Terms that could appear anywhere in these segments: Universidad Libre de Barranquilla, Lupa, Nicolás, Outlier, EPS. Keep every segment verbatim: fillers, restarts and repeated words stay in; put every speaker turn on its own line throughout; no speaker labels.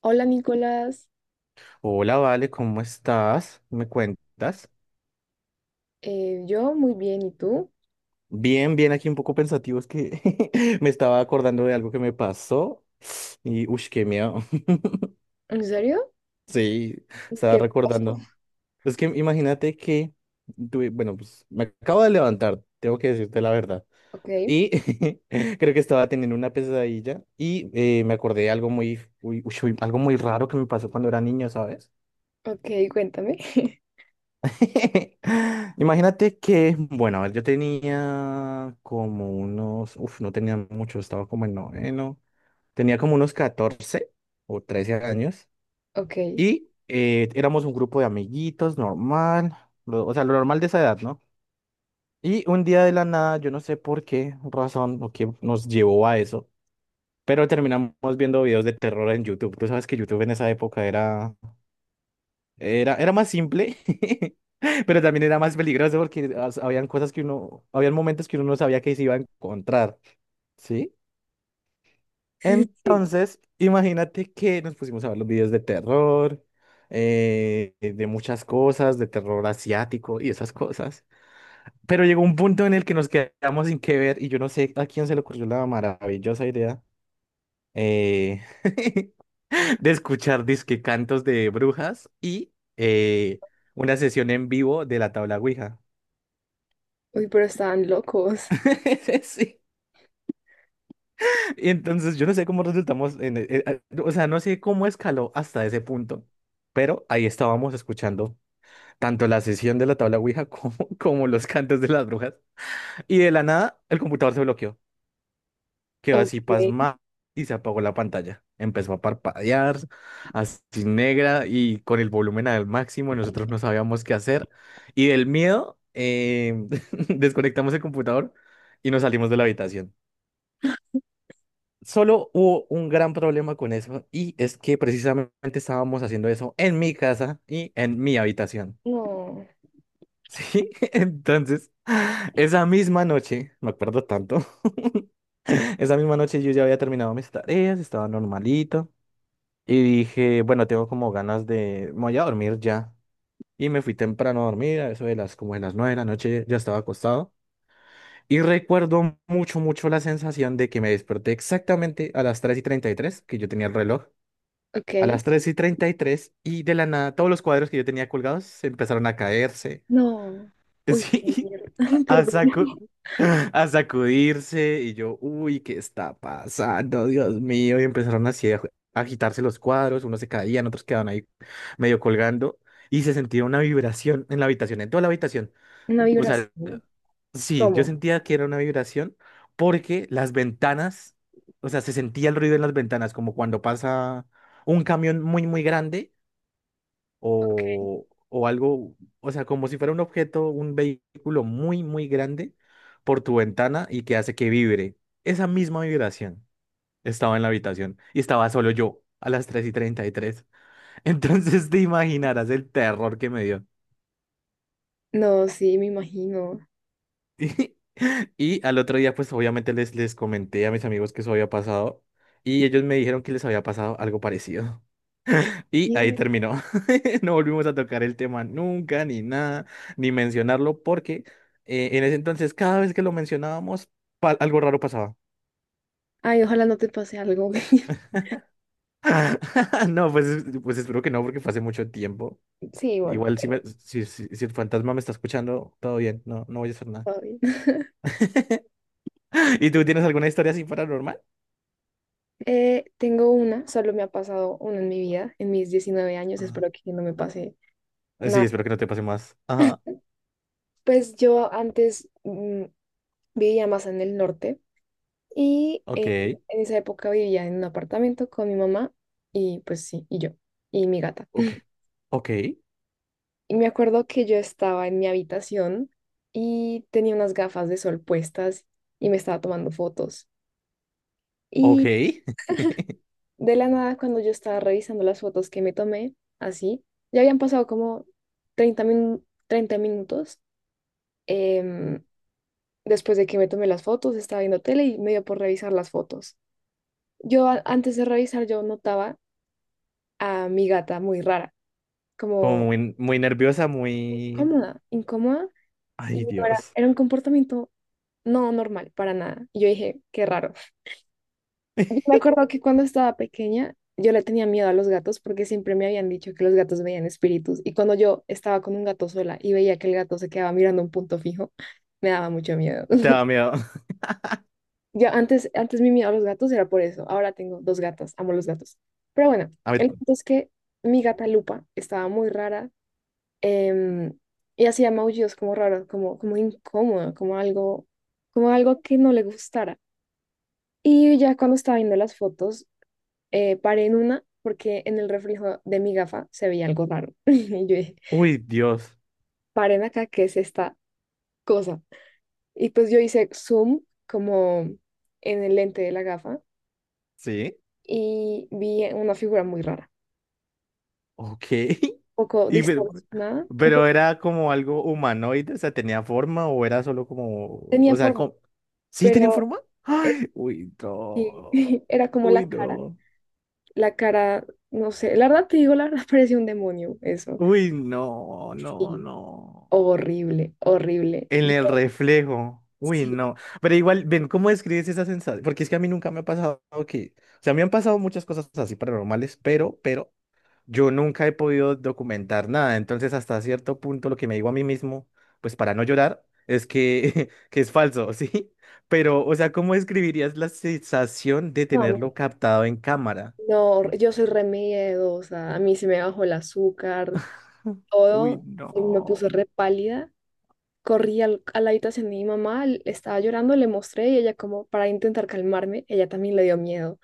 Hola Nicolás.
Hola, Vale, ¿cómo estás? ¿Me cuentas?
Eh, yo muy bien, ¿y tú?
Bien, bien, aquí un poco pensativo, es que me estaba acordando de algo que me pasó y, uff, qué miedo.
¿En serio?
Sí, estaba
¿Qué?
recordando. Es que imagínate que, tuve- bueno, pues me acabo de levantar, tengo que decirte la verdad.
Ok.
Y creo que estaba teniendo una pesadilla y eh, me acordé de algo muy, uy, ush, uy, algo muy raro que me pasó cuando era niño, ¿sabes?
Ok, cuéntame.
Imagínate que, bueno, a ver, yo tenía como unos, uf, no tenía mucho, estaba como en noveno, tenía como unos catorce o trece años.
Ok.
Y eh, éramos un grupo de amiguitos normal, lo- o sea, lo normal de esa edad, ¿no? Y un día de la nada, yo no sé por qué razón o qué nos llevó a eso, pero terminamos viendo videos de terror en YouTube. Tú sabes que YouTube en esa época era. Era, era más simple, pero también era más peligroso porque as- habían cosas que uno, habían momentos que uno no sabía que se iba a encontrar, ¿sí?
Sí.
Entonces, imagínate que nos pusimos a ver los videos de terror, eh, de muchas cosas, de terror asiático y esas cosas. Pero llegó un punto en el que nos quedamos sin qué ver y yo no sé a quién se le ocurrió la maravillosa idea, eh, de escuchar disque cantos de brujas y eh, una sesión en vivo de la tabla Ouija.
Uy, pero estaban locos.
Sí. Y entonces yo no sé cómo resultamos en, e- e- o sea, no sé cómo escaló hasta ese punto, pero ahí estábamos escuchando tanto la sesión de la tabla Ouija como, como los cantos de las brujas. Y de la nada, el computador se bloqueó. Quedó
Ok,
así pasmada y se apagó la pantalla. Empezó a parpadear, así negra y con el volumen al máximo. Nosotros no sabíamos qué hacer. Y del miedo, eh, desconectamos el computador y nos salimos de la habitación. Solo hubo un gran problema con eso y es que precisamente estábamos haciendo eso en mi casa y en mi habitación.
no.
Sí, entonces, esa misma noche, me acuerdo tanto, esa misma noche yo ya había terminado mis tareas, estaba normalito, y dije, bueno, tengo como ganas de, me voy a dormir ya. Y me fui temprano a dormir, a eso de las, como de las nueve de la noche ya estaba acostado. Y recuerdo mucho, mucho la sensación de que me desperté exactamente a las tres y treinta y tres, que yo tenía el reloj, a
Ok,
las tres y treinta y tres, y tres, y de la nada todos los cuadros que yo tenía colgados se empezaron a caerse.
no. Uy, qué
Sí.
mierda.
a, sacu-
Perdón.
a sacudirse y yo, uy, ¿qué está pasando? Dios mío. Y empezaron así a ju- a agitarse los cuadros, unos se caían, otros quedaban ahí medio colgando y se sentía una vibración en la habitación, en toda la habitación.
Una
O sea,
vibración.
sí, yo
¿Cómo?
sentía que era una vibración porque las ventanas, o sea, se sentía el ruido en las ventanas como cuando pasa un camión muy, muy grande o, o algo, o sea, como si fuera un objeto, un vehículo muy, muy grande por tu ventana y que hace que vibre. Esa misma vibración estaba en la habitación y estaba solo yo a las tres y treinta y tres. Entonces te imaginarás el terror que me dio.
No, sí, me imagino.
Y, y al otro día, pues obviamente les, les comenté a mis amigos que eso había pasado y ellos me dijeron que les había pasado algo parecido. Y ahí
Sí.
terminó. No volvimos a tocar el tema nunca, ni nada, ni mencionarlo, porque eh, en ese entonces cada vez que lo mencionábamos, pa- algo raro pasaba.
Ay, ojalá no te pase algo.
No, pues, es- pues espero que no, porque fue hace mucho tiempo.
Sí, bueno,
Igual si, me- si, si- si el fantasma me está escuchando, todo bien, no, no voy a hacer nada.
todo bien.
¿Y tú tienes alguna historia así paranormal?
Eh, tengo una, solo me ha pasado una en mi vida, en mis diecinueve años,
Ah,
espero que no me pase
sí,
nada.
espero que no te pase más. Ajá.
Pues yo antes mm, vivía más en el norte y
Ok,
eh, en esa época vivía en un apartamento con mi mamá, y pues sí, y yo y mi gata.
ok, ok,
Y me acuerdo que yo estaba en mi habitación y tenía unas gafas de sol puestas y me estaba tomando fotos.
ok.
Y de la nada, cuando yo estaba revisando las fotos que me tomé, así, ya habían pasado como treinta min- treinta minutos. em, Después de que me tomé las fotos, estaba viendo tele y me dio por revisar las fotos. Yo a- antes de revisar, yo notaba a mi gata muy rara,
Como
como
muy, muy nerviosa, muy...
cómoda, incómoda, y
Ay,
no era,
Dios.
era un comportamiento no normal para nada. Y yo dije, qué raro. Yo me acuerdo que cuando estaba pequeña, yo le tenía miedo a los gatos porque siempre me habían dicho que los gatos veían espíritus. Y cuando yo estaba con un gato sola y veía que el gato se quedaba mirando un punto fijo, me daba mucho miedo.
Te daba miedo.
Yo antes, antes mi miedo a los gatos era por eso. Ahora tengo dos gatas, amo los gatos. Pero bueno,
A ver,
el punto es que mi gata Lupa estaba muy rara, em, y hacía maullidos como raros, como, como incómodo, como algo, como algo que no le gustara. Y ya cuando estaba viendo las fotos, eh, paré en una porque en el reflejo de mi gafa se veía algo raro. Y yo dije,
uy, Dios.
paren acá, ¿qué es esta cosa? Y pues yo hice zoom como en el lente de la gafa
Sí,
y vi una figura muy rara,
ok.
un poco
Y, pero,
distorsionada, un
pero
poco
era como algo humanoide, o sea, tenía forma o era solo como,
tenía
o sea,
forma,
como, ¿sí tenía
pero
forma?
eh,
Ay, uy,
sí,
no.
era como la
Uy,
cara.
no.
La cara, no sé, la verdad te digo, la verdad parecía un demonio eso.
Uy, no, no,
Sí.
no.
Horrible, horrible.
En
Yo,
el reflejo. Uy,
sí.
no. Pero igual, ven, ¿cómo describes esa sensación? Porque es que a mí nunca me ha pasado que, o sea, me han pasado muchas cosas así paranormales, pero, pero yo nunca he podido documentar nada, entonces hasta cierto punto lo que me digo a mí mismo, pues para no llorar, es que, que es falso, ¿sí? Pero, o sea, ¿cómo describirías la sensación de
No, no,
tenerlo captado en cámara?
no, yo soy re miedosa, a mí se me bajó el azúcar,
Uy,
todo, y me puse
no.
re pálida. Corrí al- a la habitación de mi mamá, l- estaba llorando, le mostré y ella como para intentar calmarme, ella también le dio miedo.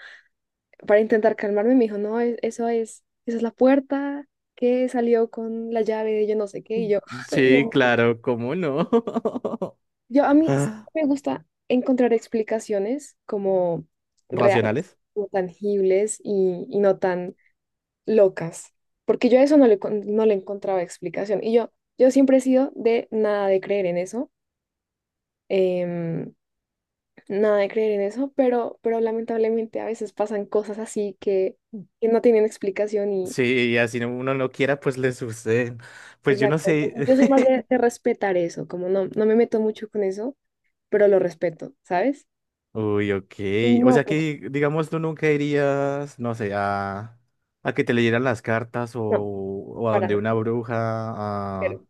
Para intentar calmarme me dijo, no, e- eso es, esa es la puerta que salió con la llave de yo no sé qué, y yo, ay,
Sí,
no.
claro, ¿cómo no?
Yo a mí sí
Ah,
me gusta encontrar explicaciones como reales,
¿racionales?
como tangibles y, y no tan locas, porque yo a eso no le, con- no le encontraba explicación. Y yo, yo siempre he sido de nada de creer en eso, em, nada de creer en eso, pero, pero lamentablemente a veces pasan cosas así que, que no tienen explicación y
Sí, y así no- uno no quiera, pues le sucede. Pues yo no
exacto.
sé.
Entonces, yo soy más de, de respetar eso, como no, no me meto mucho con eso, pero lo respeto, ¿sabes?
Uy, ok.
Y
O
no,
sea
pues
que, digamos, tú nunca irías, no sé, a, a que te leyeran las cartas o,
no,
o a
para
donde una
nada.
bruja
Cero.
a,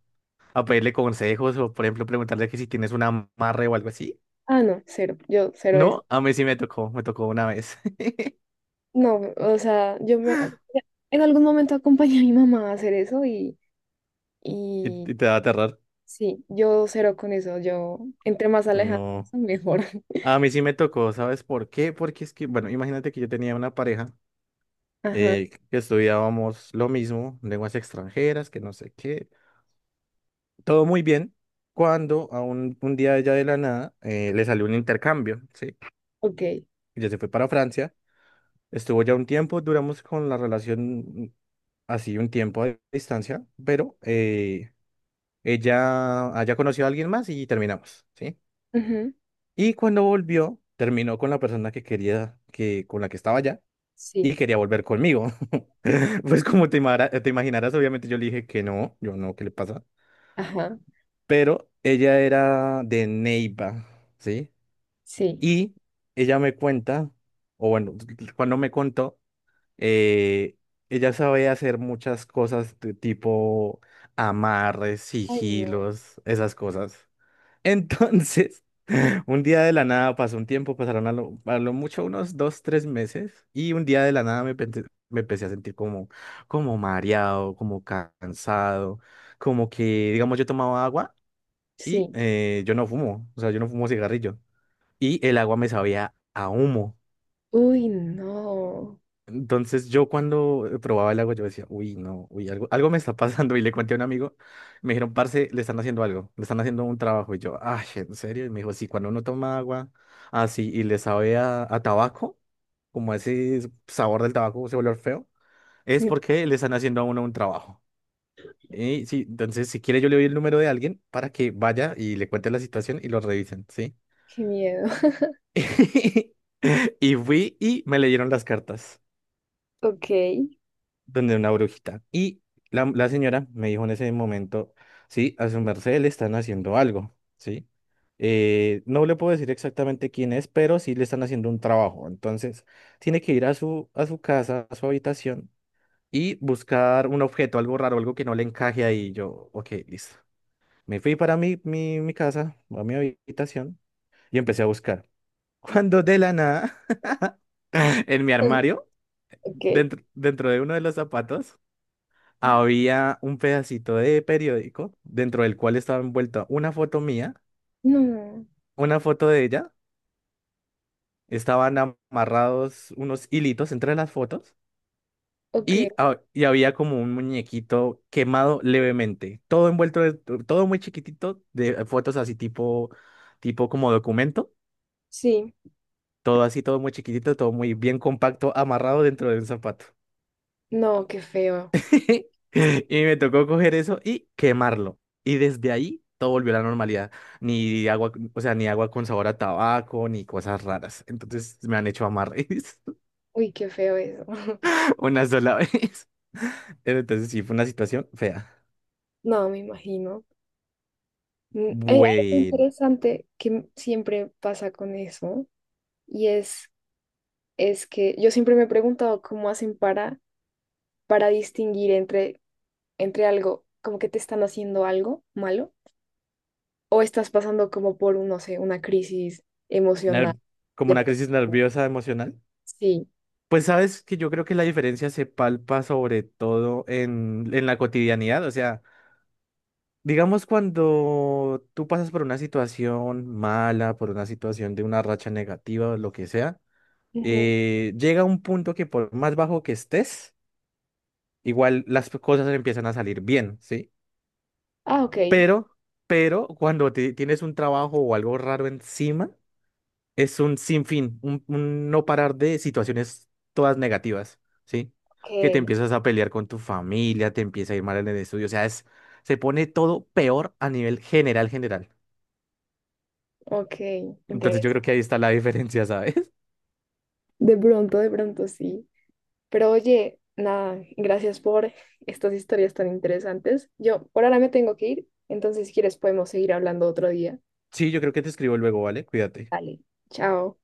a pedirle consejos o, por ejemplo, preguntarle que si tienes un amarre o algo así.
Ah, no, cero. Yo cero eso.
No, a mí sí me tocó, me tocó una vez.
No, o sea, yo me... en algún momento acompañé a mi mamá a hacer eso y,
¿Y,
y
y te va a aterrar?
sí, yo cero con eso. Yo, entre más alejado,
No.
mejor.
A mí sí me tocó, ¿sabes por qué? Porque es que, bueno, imagínate que yo tenía una pareja
Ajá,
eh, que estudiábamos lo mismo, lenguas extranjeras, que no sé qué. Todo muy bien cuando a un, un día ella de la nada eh, le salió un intercambio, ¿sí?
ok.
Ella se fue para Francia, estuvo ya un tiempo, duramos con la relación así un tiempo a distancia, pero eh, ella haya conocido a alguien más y terminamos, ¿sí?
Ujú.
Y cuando volvió, terminó con la persona que quería, que, con la que estaba allá.
Sí,
Y quería volver conmigo. Pues como te, imara- eh, te imaginarás, obviamente yo le dije que no, yo no, ¿qué le pasa?
ajá,
Pero ella era de Neiva, ¿sí?
sí.
Y ella me cuenta, o bueno, cuando me contó, eh, ella sabe hacer muchas cosas de tipo amarres,
Ay, no.
sigilos, esas cosas. Entonces, un día de la nada pasó un tiempo, pasaron a lo, a lo mucho unos dos, tres meses, y un día de la nada me, pente- me empecé a sentir como, como mareado, como cansado, como que, digamos, yo tomaba agua y
Sí.
eh, yo no fumo, o sea, yo no fumo cigarrillo y el agua me sabía a humo.
Uy, no.
Entonces yo cuando eh, probaba el agua yo decía, uy, no, uy, algo, algo me está pasando. Y le conté a un amigo, me dijeron, parce, le están haciendo algo, le están haciendo un trabajo. Y yo, ay, ¿en serio? Y me dijo, sí, cuando uno toma agua así y le sabe a, a tabaco, como ese sabor del tabaco, ese olor feo, es
Sí,
porque le están haciendo a uno un trabajo. Y sí, entonces si quiere yo le doy el número de alguien para que vaya y le cuente la situación y lo revisen, ¿sí?
qué miedo.
Y fui y me leyeron las cartas,
Ok.
donde una brujita. Y la, la señora me dijo en ese momento, sí, a su merced le están haciendo algo, ¿sí? Eh, no le puedo decir exactamente quién es, pero sí le están haciendo un trabajo. Entonces, tiene que ir a su, a su casa, a su habitación y buscar un objeto, algo raro, algo que no le encaje ahí. Yo, ok, listo. Me fui para mi, mi, mi casa, a mi habitación, y empecé a buscar. Cuando de la nada, en mi armario,
Ok.
dentro, dentro de uno de los zapatos, había un pedacito de periódico dentro del cual estaba envuelta una foto mía,
No.
una foto de ella, estaban amarrados unos hilitos entre las fotos y,
Ok.
ha- y había como un muñequito quemado levemente, todo envuelto, de- todo muy chiquitito, de fotos así tipo, tipo como documento,
Sí.
todo así, todo muy chiquitito, todo muy bien compacto, amarrado dentro de un zapato.
No, qué feo.
Y me tocó coger eso y quemarlo. Y desde ahí todo volvió a la normalidad. Ni agua, o sea, ni agua con sabor a tabaco, ni cosas raras. Entonces me han hecho amarres
Uy, qué feo eso.
una sola vez. Pero entonces sí, fue una situación fea.
No, me imagino. Mm. Hay hay algo
Bueno,
interesante que m- siempre pasa con eso y es, es que yo siempre me he preguntado cómo hacen para, para distinguir entre, entre algo, como que te están haciendo algo malo o estás pasando como por, un, no sé, una crisis emocional.
ner- como una
Depresiva.
crisis nerviosa emocional.
Sí.
Pues sabes que yo creo que la diferencia se palpa sobre todo en, en la cotidianidad. O sea, digamos, cuando tú pasas por una situación mala, por una situación de una racha negativa o lo que sea,
Ujú.
eh, llega un punto que por más bajo que estés, igual las cosas empiezan a salir bien, ¿sí?
Ah, ok.
Pero, pero cuando ti- tienes un trabajo o algo raro encima, es un sinfín, un, un no parar de situaciones todas negativas, ¿sí? Que te
Ok,
empiezas a pelear con tu familia, te empieza a ir mal en el estudio, o sea, es, se pone todo peor a nivel general, general.
ok,
Entonces yo creo que
interesante.
ahí está la diferencia, ¿sabes?
De pronto, de pronto sí. Pero oye, nada, gracias por estas historias tan interesantes. Yo por ahora me tengo que ir, entonces si quieres podemos seguir hablando otro día.
Sí, yo creo que te escribo luego, ¿vale? Cuídate.
Dale. Chao.